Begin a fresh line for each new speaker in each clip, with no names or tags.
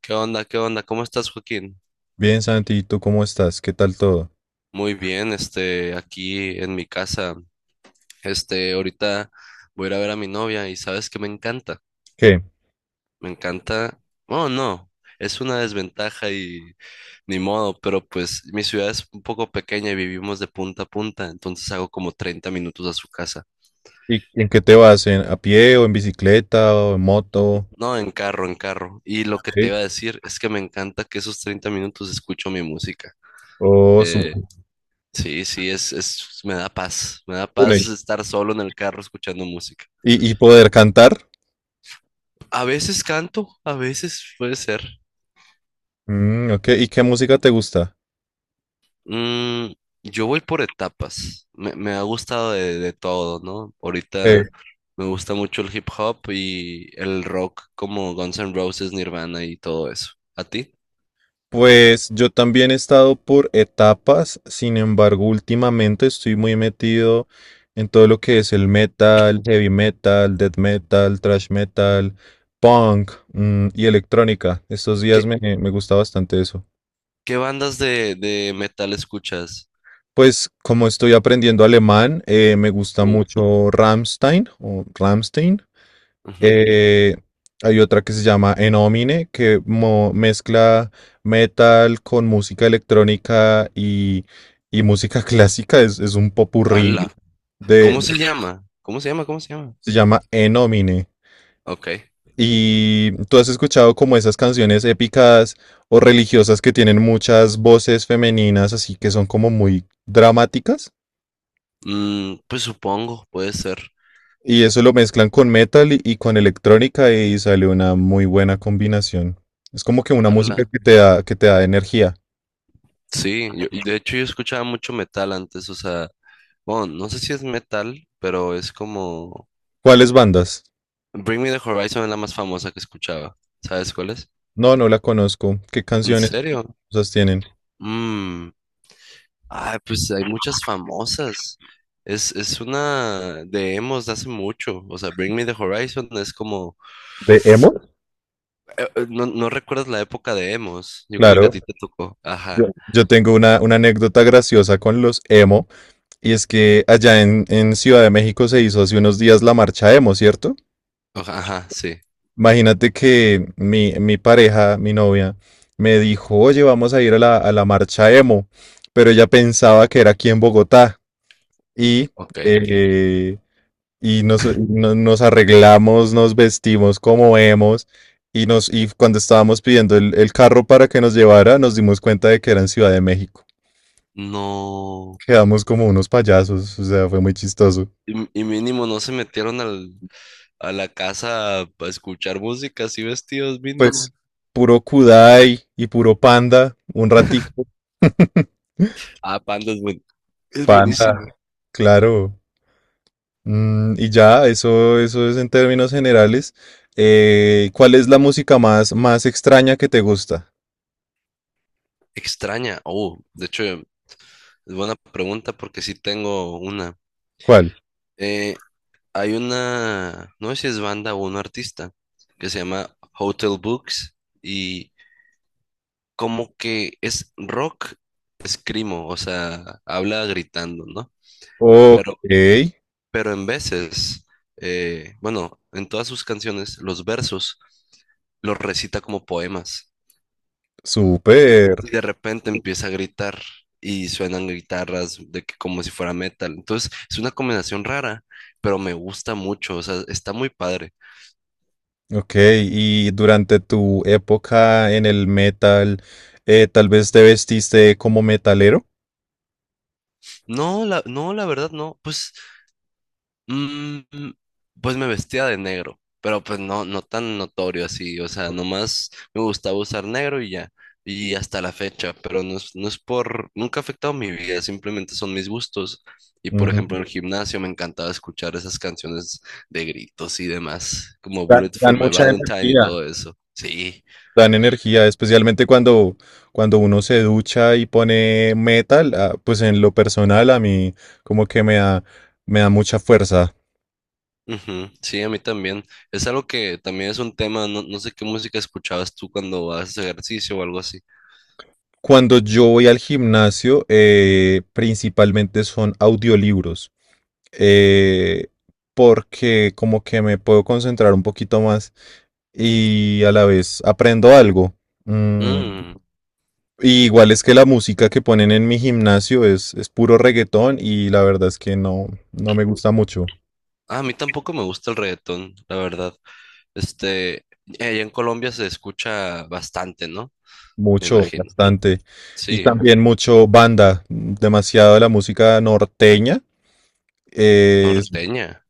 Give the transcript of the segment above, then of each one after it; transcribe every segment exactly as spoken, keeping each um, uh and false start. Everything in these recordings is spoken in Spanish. ¿Qué onda? ¿Qué onda? ¿Cómo estás, Joaquín?
Bien, Santi, ¿y tú cómo estás? ¿Qué tal todo?
Muy bien, este, aquí en mi casa, este, ahorita voy a ir a ver a mi novia y sabes que me encanta,
¿Qué?
me encanta, oh no, es una desventaja y ni modo, pero pues mi ciudad es un poco pequeña y vivimos de punta a punta, entonces hago como treinta minutos a su casa.
¿Y en qué te vas? ¿En, a pie o en bicicleta o en moto?
No, en carro, en carro. Y lo que te
Ok.
iba a decir es que me encanta que esos treinta minutos escucho mi música.
Oh, su-
Eh, Sí, sí, es, es, me da paz, me da
bueno, ¿Y,
paz estar solo en el carro escuchando música.
y- poder cantar?
A veces canto, a veces puede ser.
Mm, ok. ¿Y qué música te gusta?
Mm, yo voy por etapas, me, me ha gustado de, de todo, ¿no?
Eh,
Ahorita me gusta mucho el hip hop y el rock como Guns N' Roses, Nirvana y todo eso. ¿A ti?
Pues yo también he estado por etapas, sin embargo, últimamente estoy muy metido en todo lo que es el metal, heavy metal, death metal, thrash metal, punk, mm, y electrónica. Estos días
¿Qué,
me, me gusta bastante eso.
qué bandas de, de metal escuchas?
Pues como estoy aprendiendo alemán, eh, me gusta
Uh,
mucho Rammstein o Rammstein.
ujú.
Eh, hay otra que se llama Enomine que mo- mezcla metal con música electrónica y, y música clásica. Es, es un popurrí
Ala.
de,
¿Cómo
de-
se llama? ¿Cómo se llama? ¿Cómo se llama?
se llama Enomine.
Ok.
¿Y tú has escuchado como esas canciones épicas o religiosas que tienen muchas voces femeninas, así que son como muy dramáticas?
Mm, pues supongo, puede ser.
Y eso lo mezclan con metal y, y con electrónica y sale una muy buena combinación. Es como que una música
Ala.
que te da, que te da energía.
Sí, yo, y de hecho yo escuchaba mucho metal antes, o sea, bueno, no sé si es metal, pero es como
¿Cuáles bandas?
Bring Me the Horizon es la más famosa que escuchaba. ¿Sabes cuál es?
No, no la conozco. ¿Qué
¿En
canciones
serio?
famosas tienen?
Mm. Ay, pues hay muchas famosas. Es, es una de emos de hace mucho. O sea, Bring Me the Horizon es como...
¿De emo?
eh, eh, no, no recuerdas la época de emos. Yo creo que
Claro.
a ti te tocó.
Yo,
Ajá.
yo tengo una, una anécdota graciosa con los emo, y es que allá en, en Ciudad de México se hizo hace unos días la marcha emo, ¿cierto?
Ajá, ajá, sí.
Imagínate que mi, mi pareja, mi novia, me dijo, oye, vamos a ir a la, a la marcha emo, pero ella pensaba que era aquí en Bogotá y,
Ok.
eh, y nos, no- nos arreglamos, nos vestimos como emos y, nos, y cuando estábamos pidiendo el, el carro para que nos llevara, nos dimos cuenta de que era en Ciudad de México.
No.
Quedamos como unos payasos, o sea, fue muy chistoso.
Y, y mínimo no se metieron al, a la casa a escuchar música así vestidos
Pues
mínimo.
puro Kudai y puro Panda, un ratito,
Ah, Panda es, buen- es
pa,
buenísimo.
claro. Mm, y ya, eso, eso es en términos generales. Eh, ¿cuál es la música más, más extraña que te gusta?
Extraña. Oh, de hecho, es buena pregunta porque sí tengo una.
¿Cuál?
Eh, hay una, no sé si es banda o un artista que se llama Hotel Books y como que es rock escrimo, o sea, habla gritando, ¿no?
Ok,
Pero, pero en veces, eh, bueno, en todas sus canciones, los versos los recita como poemas.
súper.
Y de repente empieza a gritar y suenan guitarras de que como si fuera metal. Entonces, es una combinación rara, pero me gusta mucho, o sea, está muy padre.
Ok, y durante tu época en el metal, eh, tal vez te vestiste como metalero.
No, la, no, la verdad no, pues. Mm, pues me vestía de negro, pero pues no, no tan notorio así, o sea, nomás me gustaba usar negro y ya, y hasta la fecha, pero no es, no es por, nunca ha afectado mi vida, simplemente son mis gustos. Y por ejemplo, en el
Ujú.
gimnasio me encantaba escuchar esas canciones de gritos y demás, como
Dan,
Bullet
dan
for My
mucha
Valentine y
energía.
todo eso. Sí,
Dan energía, especialmente cuando, cuando uno se ducha y pone metal, ah, pues en lo personal a mí como que me da, me da mucha fuerza.
ujú, sí, a mí también. Es algo que también es un tema, no, no sé qué música escuchabas tú cuando haces ejercicio o algo así.
Cuando yo voy al gimnasio, eh, principalmente son audiolibros, eh, porque como que me puedo concentrar un poquito más y a la vez aprendo algo. Mm,
Mm.
y igual es que la música que ponen en mi gimnasio es, es puro reggaetón y la verdad es que no, no me gusta mucho,
Ah, a mí tampoco me gusta el reggaetón, la verdad. Este, allá en Colombia se escucha bastante, ¿no? Me
mucho,
imagino.
bastante. Y
Sí,
también mucho banda, demasiado la música norteña. eh,
norteña.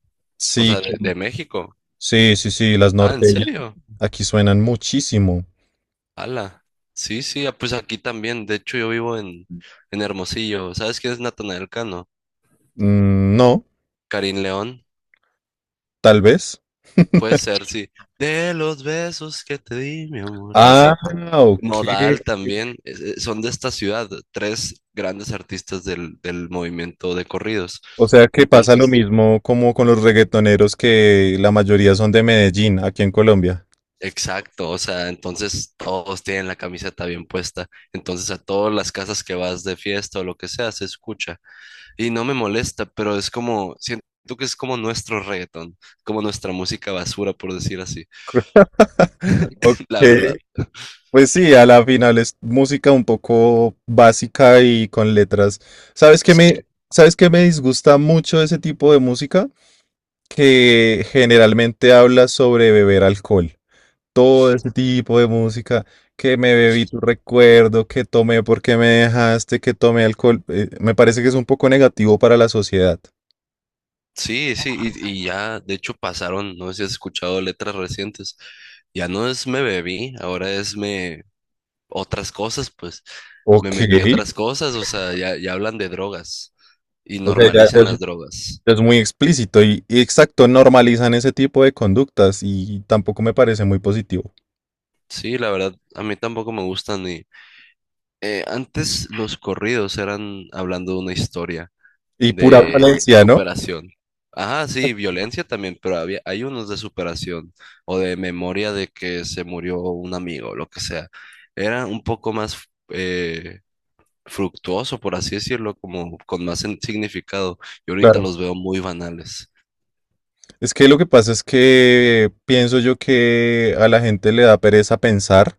O
sí,
sea, de, de México.
sí, sí, sí, las
Ah, ¿en
norteñas.
serio?
Aquí suenan muchísimo.
Ala. Sí, sí, ah, pues aquí también. De hecho, yo vivo en, en Hermosillo. ¿Sabes quién es Natanael Cano?
Mm, no,
Karim León.
tal vez.
Puede ser, sí. De los besos que te di, mi amor.
Ah,
Así.
ok.
Nodal también, es- es- son de esta ciudad, tres grandes artistas del, del movimiento de corridos.
O sea que pasa lo
Entonces,
mismo como con los reggaetoneros que la mayoría son de Medellín, aquí en Colombia.
exacto, o sea, entonces todos tienen la camiseta bien puesta. Entonces, a todas las casas que vas de fiesta o lo que sea, se escucha. Y no me molesta, pero es como, siento que es como nuestro reggaetón, como nuestra música basura, por decir así,
Ok,
la verdad.
pues sí, a la final es música un poco básica y con letras. ¿Sabes qué
Sí.
me, ¿sabes qué me disgusta mucho de ese tipo de música? Que generalmente habla sobre beber alcohol. Todo ese tipo de música, que me bebí tu recuerdo, que tomé porque me dejaste, que tomé alcohol, eh, me parece que es un poco negativo para la sociedad.
Sí, sí, y, y ya, de hecho pasaron, no sé si has escuchado letras recientes, ya no es me bebí, ahora es me otras cosas, pues me
Ok,
metí otras cosas, o sea, ya, ya hablan de drogas y
o sea, ya, ya
normalizan
es,
las drogas.
ya es muy explícito y, y exacto, normalizan ese tipo de conductas y tampoco me parece muy positivo.
Sí, la verdad, a mí tampoco me gustan y eh, antes los corridos eran hablando de una historia.
Y pura
De
violencia, ¿no?
superación. Ajá, sí, violencia también, pero había, hay unos de superación o de memoria de que se murió un amigo, lo que sea. Era un poco más eh, fructuoso, por así decirlo, como con más sen- significado. Y ahorita
Claro.
los veo muy banales.
Es que lo que pasa es que pienso yo que a la gente le da pereza pensar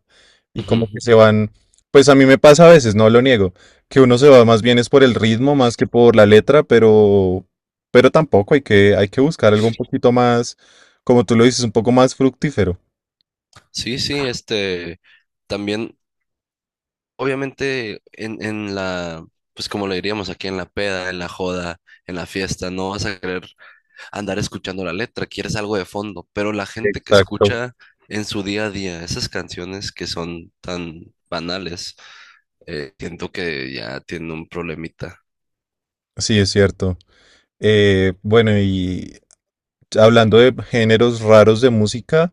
y
Ujú.
como que se van, pues a mí me pasa a veces, no lo niego, que uno se va más bien es por el ritmo más que por la letra, pero pero tampoco hay que hay que buscar algo un poquito más, como tú lo dices, un poco más fructífero.
Sí, sí, este, también, obviamente, en, en la, pues como le diríamos aquí, en la peda, en la joda, en la fiesta, no vas a querer andar escuchando la letra, quieres algo de fondo, pero la gente que
Exacto.
escucha en su día a día esas canciones que son tan banales, eh, siento que ya tiene un problemita.
Sí, es cierto. Eh, bueno, y hablando de géneros raros de música,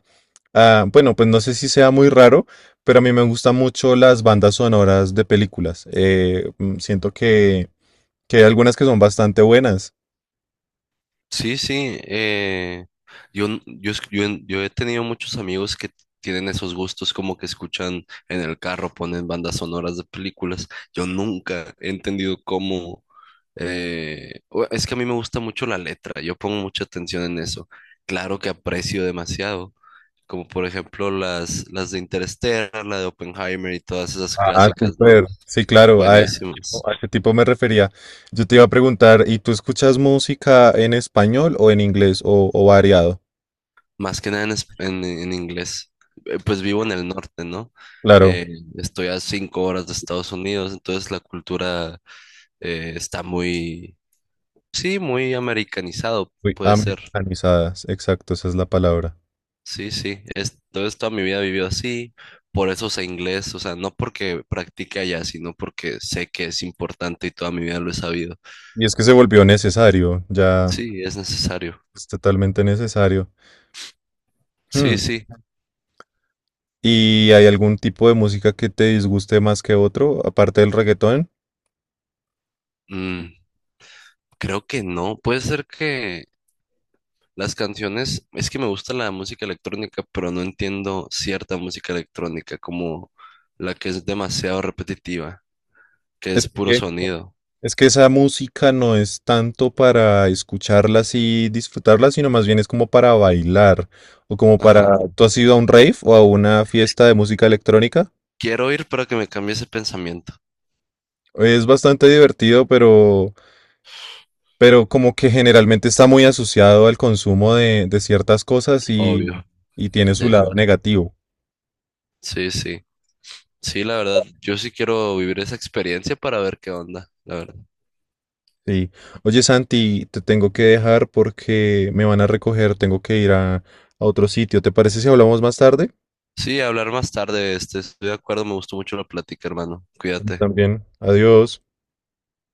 ah, bueno, pues no sé si sea muy raro, pero a mí me gustan mucho las bandas sonoras de películas. Eh, mm, siento que, que hay algunas que son bastante buenas.
Sí, sí, eh, yo, n- yo, es- yo, en- yo he tenido muchos amigos que tienen esos gustos como que escuchan en el carro, ponen bandas sonoras de películas. Yo nunca he entendido cómo... eh, o- es que a mí me gusta mucho la letra, yo pongo mucha atención en eso. Claro que aprecio demasiado, como por ejemplo las, las de Interstellar, la de Oppenheimer y todas esas
Ah,
clásicas, ¿no?
súper. Sí, claro, a,
Buenísimas.
a ese tipo me refería. Yo te iba a preguntar, ¿y tú escuchas música en español o en inglés o, o variado?
Más que nada en, es- en- en inglés. Eh, Pues vivo en el norte, ¿no?
Claro,
Eh, estoy a cinco horas de Estados Unidos, entonces la cultura eh, está muy, sí, muy americanizado,
uy,
puede ser.
americanizadas, exacto, esa es la palabra.
Sí, sí. Es, entonces toda mi vida he vivido así. Por eso sé inglés, o sea, no porque practique allá, sino porque sé que es importante y toda mi vida lo he sabido.
Y es que se volvió necesario, ya
Sí, es necesario.
es totalmente necesario. Hmm.
Sí, sí.
¿Y hay algún tipo de música que te disguste más que otro, aparte del reggaetón?
Mm, creo que no. Puede ser que las canciones, es que me gusta la música electrónica, pero no entiendo cierta música electrónica como la que es demasiado repetitiva, que
Es
es puro
que,
sonido.
es que esa música no es tanto para escucharla y disfrutarla, sino más bien es como para bailar o como
Ajá.
para... ¿Tú has ido a un rave o a una fiesta de música electrónica?
Quiero ir para que me cambie ese pensamiento.
Es bastante divertido, pero, pero como que generalmente está muy asociado al consumo de, de ciertas cosas y,
Obvio.
y tiene su
Sí,
lado negativo.
sí, sí. Sí, la verdad, yo sí quiero vivir esa experiencia para ver qué onda, la verdad.
Sí. Oye, Santi, te tengo que dejar porque me van a recoger, tengo que ir a, a otro sitio. ¿Te parece si hablamos más tarde?
Sí, hablar más tarde, este, estoy de acuerdo, me gustó mucho la plática, hermano. Cuídate.
También. Adiós.